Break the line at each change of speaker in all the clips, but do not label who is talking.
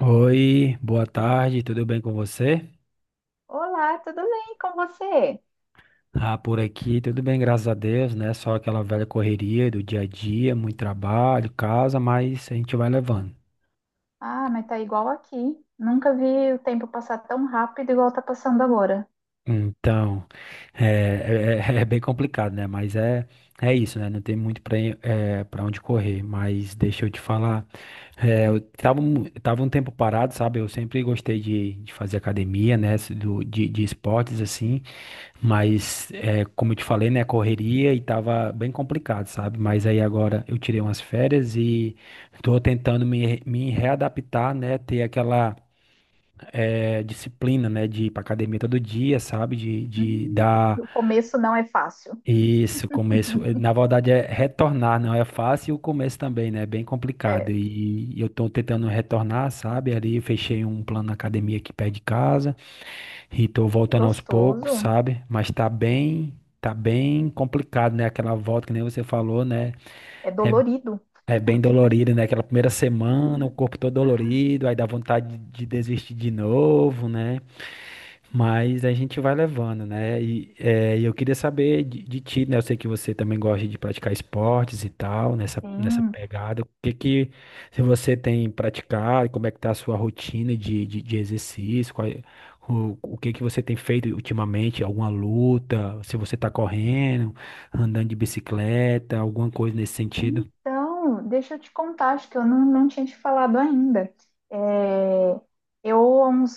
Oi, boa tarde, tudo bem com você?
Olá, tudo bem com você?
Ah, por aqui, tudo bem, graças a Deus, né? Só aquela velha correria do dia a dia, muito trabalho, casa, mas a gente vai levando.
Ah, mas tá igual aqui. Nunca vi o tempo passar tão rápido igual tá passando agora.
Então, é bem complicado, né? É isso, né? Não tem muito para para onde correr. Mas deixa eu te falar, eu tava, tava um tempo parado, sabe? Eu sempre gostei de fazer academia, né? De esportes, assim. Como eu te falei, né, correria e tava bem complicado, sabe? Mas aí agora eu tirei umas férias e tô tentando me readaptar, né? Ter aquela disciplina, né, de ir pra academia todo dia, sabe? De
Hum,
dar
o começo não é fácil.
isso, começo. Na verdade é retornar, não é fácil e o começo também, né? É bem complicado.
É
E eu tô tentando retornar, sabe? Ali eu fechei um plano na academia aqui perto de casa. E tô voltando aos poucos,
gostoso,
sabe? Tá bem complicado, né? Aquela volta que nem você falou, né?
é
É,
dolorido.
é bem dolorido, né? Aquela primeira semana, o corpo todo dolorido, aí dá vontade de desistir de novo, né? Mas a gente vai levando, né? E eu queria saber de ti, né? Eu sei que você também gosta de praticar esportes e tal, nessa
Sim.
pegada. O que que se você tem praticado, como é que tá a sua rotina de exercício, o que que você tem feito ultimamente, alguma luta, se você tá correndo, andando de bicicleta, alguma coisa nesse sentido?
Então, deixa eu te contar, acho que eu não tinha te falado ainda. É, eu, há uns,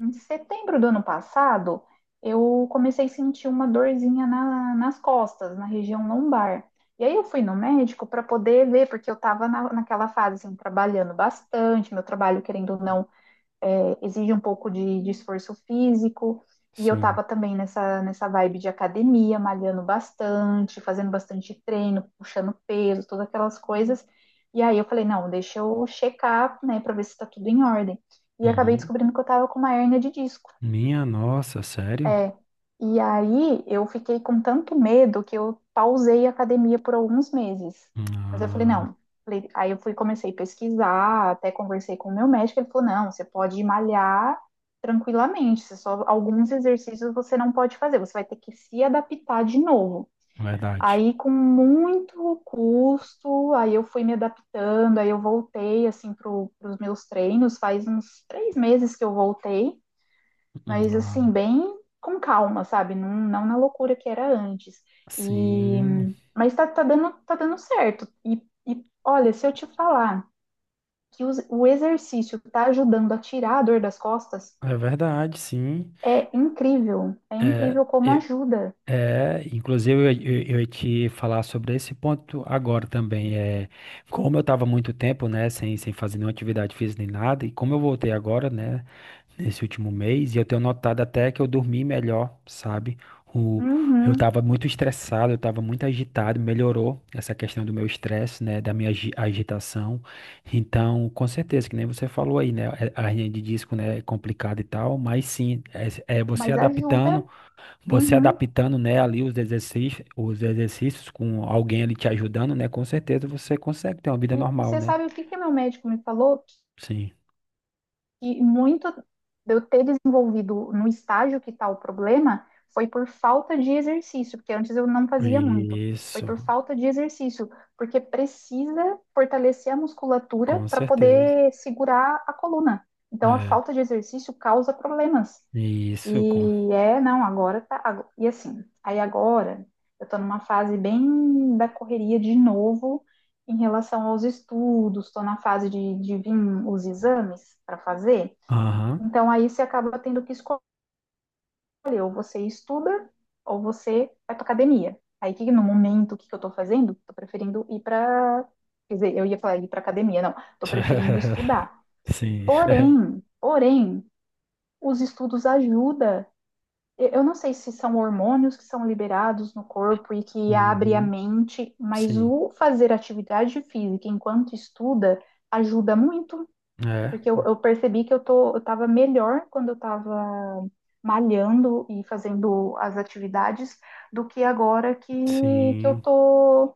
em setembro do ano passado, eu comecei a sentir uma dorzinha na- nas costas, na região lombar. E aí eu fui no médico para poder ver, porque eu estava naquela fase, assim, trabalhando bastante, meu trabalho, querendo ou não, exige um pouco de, esforço físico. E eu
Sim.
tava também nessa vibe de academia, malhando bastante, fazendo bastante treino, puxando peso, todas aquelas coisas. E aí eu falei, não, deixa eu checar, né, pra ver se tá tudo em ordem. E acabei
Uhum.
descobrindo que eu tava com uma hérnia de disco.
Minha nossa, sério?
É. E aí eu fiquei com tanto medo que eu pausei a academia por alguns meses. Mas eu falei,
Ah,
não. Falei- Aí eu fui, comecei a pesquisar, até conversei com o meu médico, ele falou, não, você pode malhar tranquilamente, você só alguns exercícios você não pode fazer, você vai ter que se adaptar de novo.
verdade.
Aí com muito custo, aí eu fui me adaptando, aí eu voltei assim para os meus treinos, faz uns três meses que eu voltei, mas
Ah,
assim, bem com calma, sabe? Não na loucura que era antes. E
sim.
mas tá, tá dando certo. E olha, se eu te falar que o exercício tá ajudando a tirar a dor das costas,
É verdade, sim.
é incrível. É
É,
incrível como
é,
ajuda.
inclusive, eu ia te falar sobre esse ponto agora também. É, como eu estava muito tempo, né, sem fazer nenhuma atividade física nem nada, e como eu voltei agora, né, nesse último mês e eu tenho notado até que eu dormi melhor, sabe? O, eu
Uhum,
estava muito estressado, eu estava muito agitado, melhorou essa questão do meu estresse, né, da minha agitação. Então, com certeza, que nem você falou aí, né, é- a hernia de disco, né, é complicada e tal, mas sim, é
mas ajuda.
você
Uhum.
adaptando, né, ali os exercícios com alguém ali te ajudando, né, com certeza você consegue ter uma vida
E
normal,
você
né?
sabe o que que meu médico me falou?
Sim.
Que muito de eu ter desenvolvido no estágio que está o problema foi por falta de exercício, porque antes eu não fazia muito. Foi
Isso,
por falta de exercício, porque precisa fortalecer a musculatura
com
para
certeza.
poder segurar a coluna. Então, a
É.
falta de exercício causa problemas.
Isso, com.
E é, não, agora tá. E assim, aí agora eu tô numa fase bem da correria de novo em relação aos estudos, tô na fase de, vir os exames para fazer.
Aham.
Então aí você acaba tendo que escolher, ou você estuda, ou você vai para academia. Aí que no momento o que, que eu estou fazendo, estou preferindo ir para, quer dizer, eu ia falar ir para academia, não, estou preferindo estudar.
Sim.
Porém, os estudos ajudam. Eu não sei se são hormônios que são liberados no corpo e que abre a
Uhum.
mente, mas
Sim.
o fazer atividade física enquanto estuda ajuda muito.
É.
Porque eu percebi que eu tô, eu tava melhor quando eu tava malhando e fazendo as atividades do que agora que eu
Sim.
tô,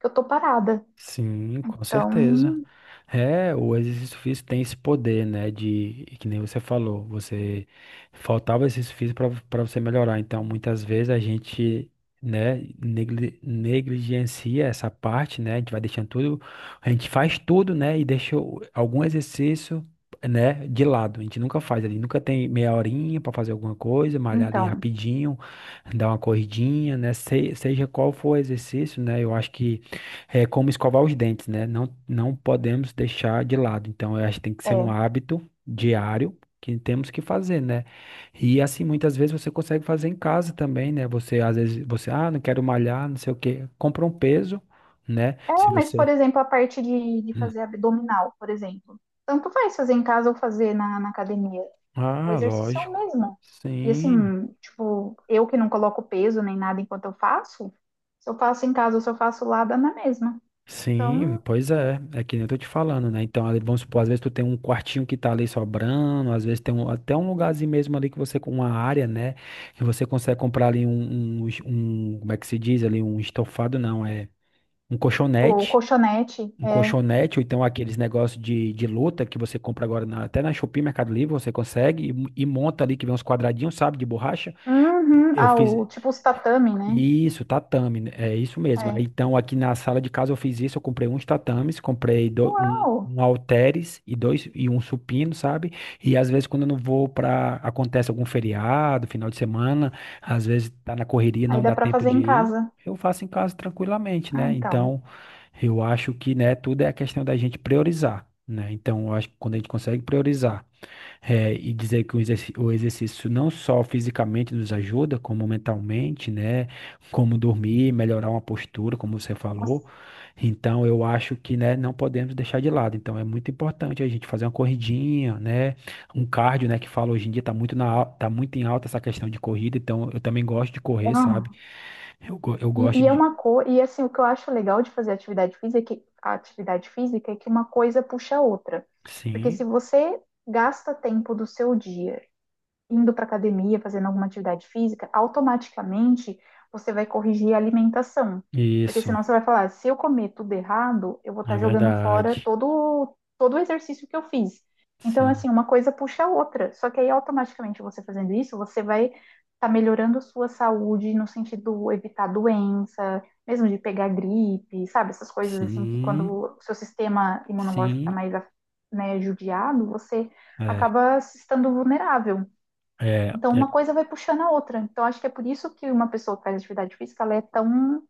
que eu tô parada.
Sim, com certeza.
Então,
É, o exercício físico tem esse poder, né, de, que nem você falou, você faltava exercício físico para você melhorar. Então, muitas vezes a gente, né, negligencia essa parte, né, a gente vai deixando tudo, a gente faz tudo, né, e deixa algum exercício, né, de lado. A gente nunca faz ali, nunca tem meia horinha para fazer alguma coisa, malhar ali
então,
rapidinho, dar uma corridinha, né, seja qual for o exercício, né, eu acho que é como escovar os dentes, né? Não podemos deixar de lado. Então, eu acho que tem que ser um
é.
hábito diário que temos que fazer, né? E assim, muitas vezes você consegue fazer em casa também, né? Você, às vezes, você, ah, não quero malhar, não sei o quê. Compra um peso, né?
É,
Se
mas, por
você.
exemplo, a parte de,
Hum.
fazer abdominal, por exemplo. Tanto faz fazer em casa ou fazer na, na academia. O
Ah,
exercício é o
lógico.
mesmo. E
Sim.
assim, tipo, eu que não coloco peso nem nada enquanto eu faço, se eu faço em casa ou se eu faço lá, dá na mesma.
Sim,
Então,
pois é, é que nem eu tô te falando, né? Então, ali, vamos supor, às vezes tu tem um quartinho que tá ali sobrando, às vezes tem até um lugarzinho mesmo ali que você, com uma área, né? Que você consegue comprar ali como é que se diz ali, um estofado, não, é um
o
colchonete,
colchonete, é.
ou então aqueles negócios de luta que você compra agora até na Shopee, Mercado Livre, você consegue e monta ali, que vem uns quadradinhos, sabe, de borracha.
Uhum.
Eu
Ah,
fiz.
o, tipo os tatame, né?
Isso, tatame, né? É isso mesmo.
É.
Então, aqui na sala de casa eu fiz isso, eu comprei uns tatames,
Uau!
um halteres e dois e um supino, sabe? E às vezes quando eu não vou para acontece algum feriado, final de semana, às vezes tá na correria,
Aí
não
dá
dá
pra
tempo
fazer
de
em
ir,
casa.
eu faço em casa tranquilamente,
Ah,
né?
então.
Então, eu acho que, né, tudo é a questão da gente priorizar, né? Então, eu acho que quando a gente consegue priorizar é, e dizer que o o exercício não só fisicamente nos ajuda, como mentalmente, né? Como dormir, melhorar uma postura, como você falou.
Nossa.
Então, eu acho que, né, não podemos deixar de lado. Então, é muito importante a gente fazer uma corridinha, né? Um cardio, né, que fala hoje em dia tá muito na, tá muito em alta essa questão de corrida. Então, eu também gosto de correr,
Ah.
sabe? Eu gosto
E é
de.
uma coisa. E assim, o que eu acho legal de fazer atividade física, é que, a atividade física é que uma coisa puxa a outra. Porque se
Sim,
você gasta tempo do seu dia indo para academia, fazendo alguma atividade física, automaticamente você vai corrigir a alimentação. Porque
isso,
senão você vai falar, se eu comer tudo errado, eu vou estar
é
jogando fora
verdade.
todo o exercício que eu fiz. Então,
Sim,
assim, uma coisa puxa a outra. Só que aí, automaticamente, você fazendo isso, você vai estar melhorando a sua saúde no sentido de evitar doença, mesmo de pegar gripe, sabe? Essas coisas, assim, que quando
sim,
o seu sistema imunológico está
sim.
mais, né, judiado, você
É,
acaba se estando vulnerável.
é,
Então, uma
é
coisa vai puxando a outra. Então, acho que é por isso que uma pessoa que faz atividade física, ela é tão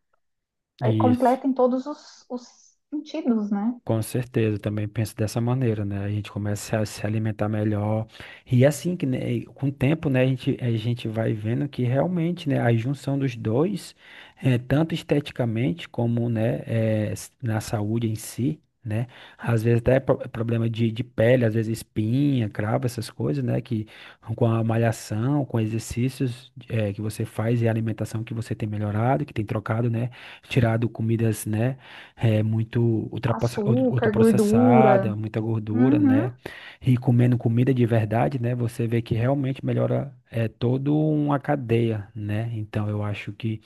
é
isso.
completa em todos os sentidos, né?
Com certeza, eu também penso dessa maneira, né? A gente começa a se alimentar melhor. E é assim que, né, com o tempo, né, a gente vai vendo que realmente, né, a junção dos dois, tanto esteticamente como, né, na saúde em si, né? Às vezes até problema de pele, às vezes espinha, cravo, essas coisas, né? Que com a malhação, com exercícios, que você faz e a alimentação que você tem melhorado, que tem trocado, né? Tirado comidas, né? É muito
Açúcar,
ultraprocessada,
gordura.
muita gordura,
Uhum.
né? E comendo comida de verdade, né? Você vê que realmente melhora é toda uma cadeia, né? Então eu acho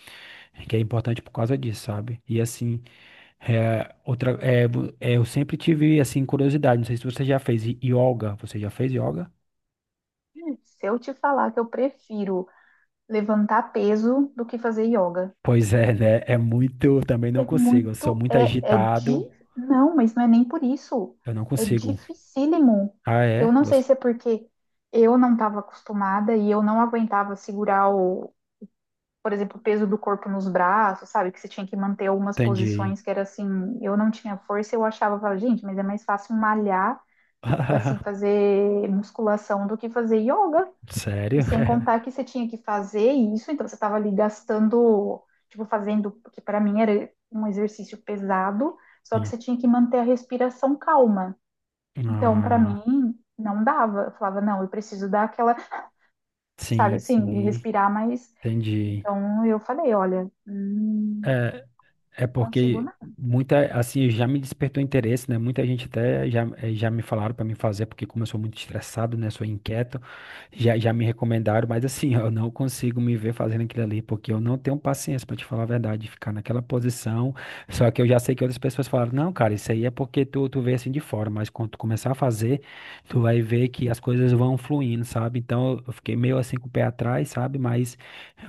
que é importante por causa disso, sabe? E assim, é, outra, é, vo- é, eu sempre tive assim curiosidade. Não sei se você já fez yoga. Você já fez yoga?
Se eu te falar que eu prefiro levantar peso do que fazer yoga,
Pois é, né? É muito. Eu também
é
não consigo. Eu sou
muito,
muito
é, é de,
agitado.
não, mas não é nem por isso.
Eu não
É
consigo.
dificílimo.
Ah,
Eu
é?
não sei
Você...
se é porque eu não estava acostumada e eu não aguentava segurar o, por exemplo, o peso do corpo nos braços, sabe? Que você tinha que manter algumas
Entendi.
posições que era assim, eu não tinha força, eu achava, eu falava, gente, mas é mais fácil malhar, assim, fazer musculação do que fazer yoga. E
Sério?
sem contar que você tinha que fazer isso, então você estava ali gastando, tipo, fazendo, que para mim era um exercício pesado, só que
Sim.
você tinha que manter a respiração calma. Então, para
Ah,
mim, não dava. Eu falava, não, eu preciso dar aquela, sabe, assim,
sim,
respirar mais.
entendi.
Então, eu falei, olha,
É, É
consigo
porque
nada.
muita, assim, já me despertou interesse, né? Muita gente até já, já me falaram para mim fazer, porque como eu sou muito estressado, né? Sou inquieto, já me recomendaram, mas assim, eu não consigo me ver fazendo aquilo ali, porque eu não tenho paciência, para te falar a verdade, de ficar naquela posição. Só que eu já sei que outras pessoas falaram, não, cara, isso aí é porque tu vê assim de fora, mas quando tu começar a fazer, tu vai ver que as coisas vão fluindo, sabe? Então eu fiquei meio assim com o pé atrás, sabe? Mas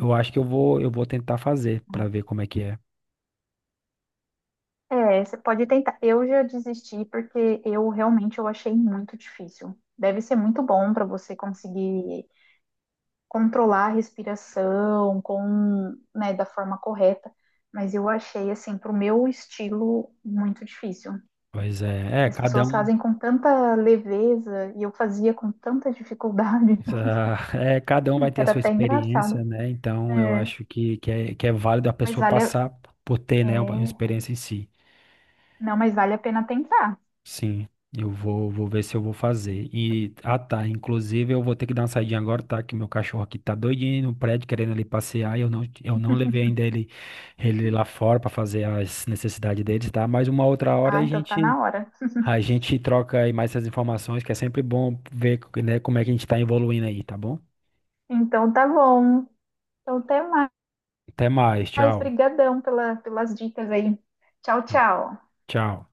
eu acho que eu vou tentar fazer para
Né?
ver como é que é.
É, você pode tentar. Eu já desisti porque eu realmente eu achei muito difícil. Deve ser muito bom para você conseguir controlar a respiração com, né, da forma correta, mas eu achei assim para o meu estilo muito difícil.
Pois é, é,
E as
cada
pessoas
um,
fazem com tanta leveza e eu fazia com tanta dificuldade.
é, cada um vai ter a
Era
sua
até
experiência,
engraçado.
né? Então eu
É,
acho que é válido a
mas
pessoa
vale, a-
passar por ter, né, uma
é,
experiência em si.
não, mas vale a pena tentar.
Sim, vou ver se eu vou fazer. E, ah tá, inclusive eu vou ter que dar uma saidinha agora, tá? Que meu cachorro aqui tá doidinho no prédio, querendo ali passear, e eu não levei ainda ele, ele lá fora pra fazer as necessidades deles, tá? Mas uma outra hora
Ah,
a
então tá na
gente.
hora.
A gente troca aí mais essas informações, que é sempre bom ver, né, como é que a gente tá evoluindo aí, tá bom?
Então tá bom. Então, até mais.
Até mais, tchau.
Brigadão pela, pelas dicas aí. Tchau, tchau.
Tchau.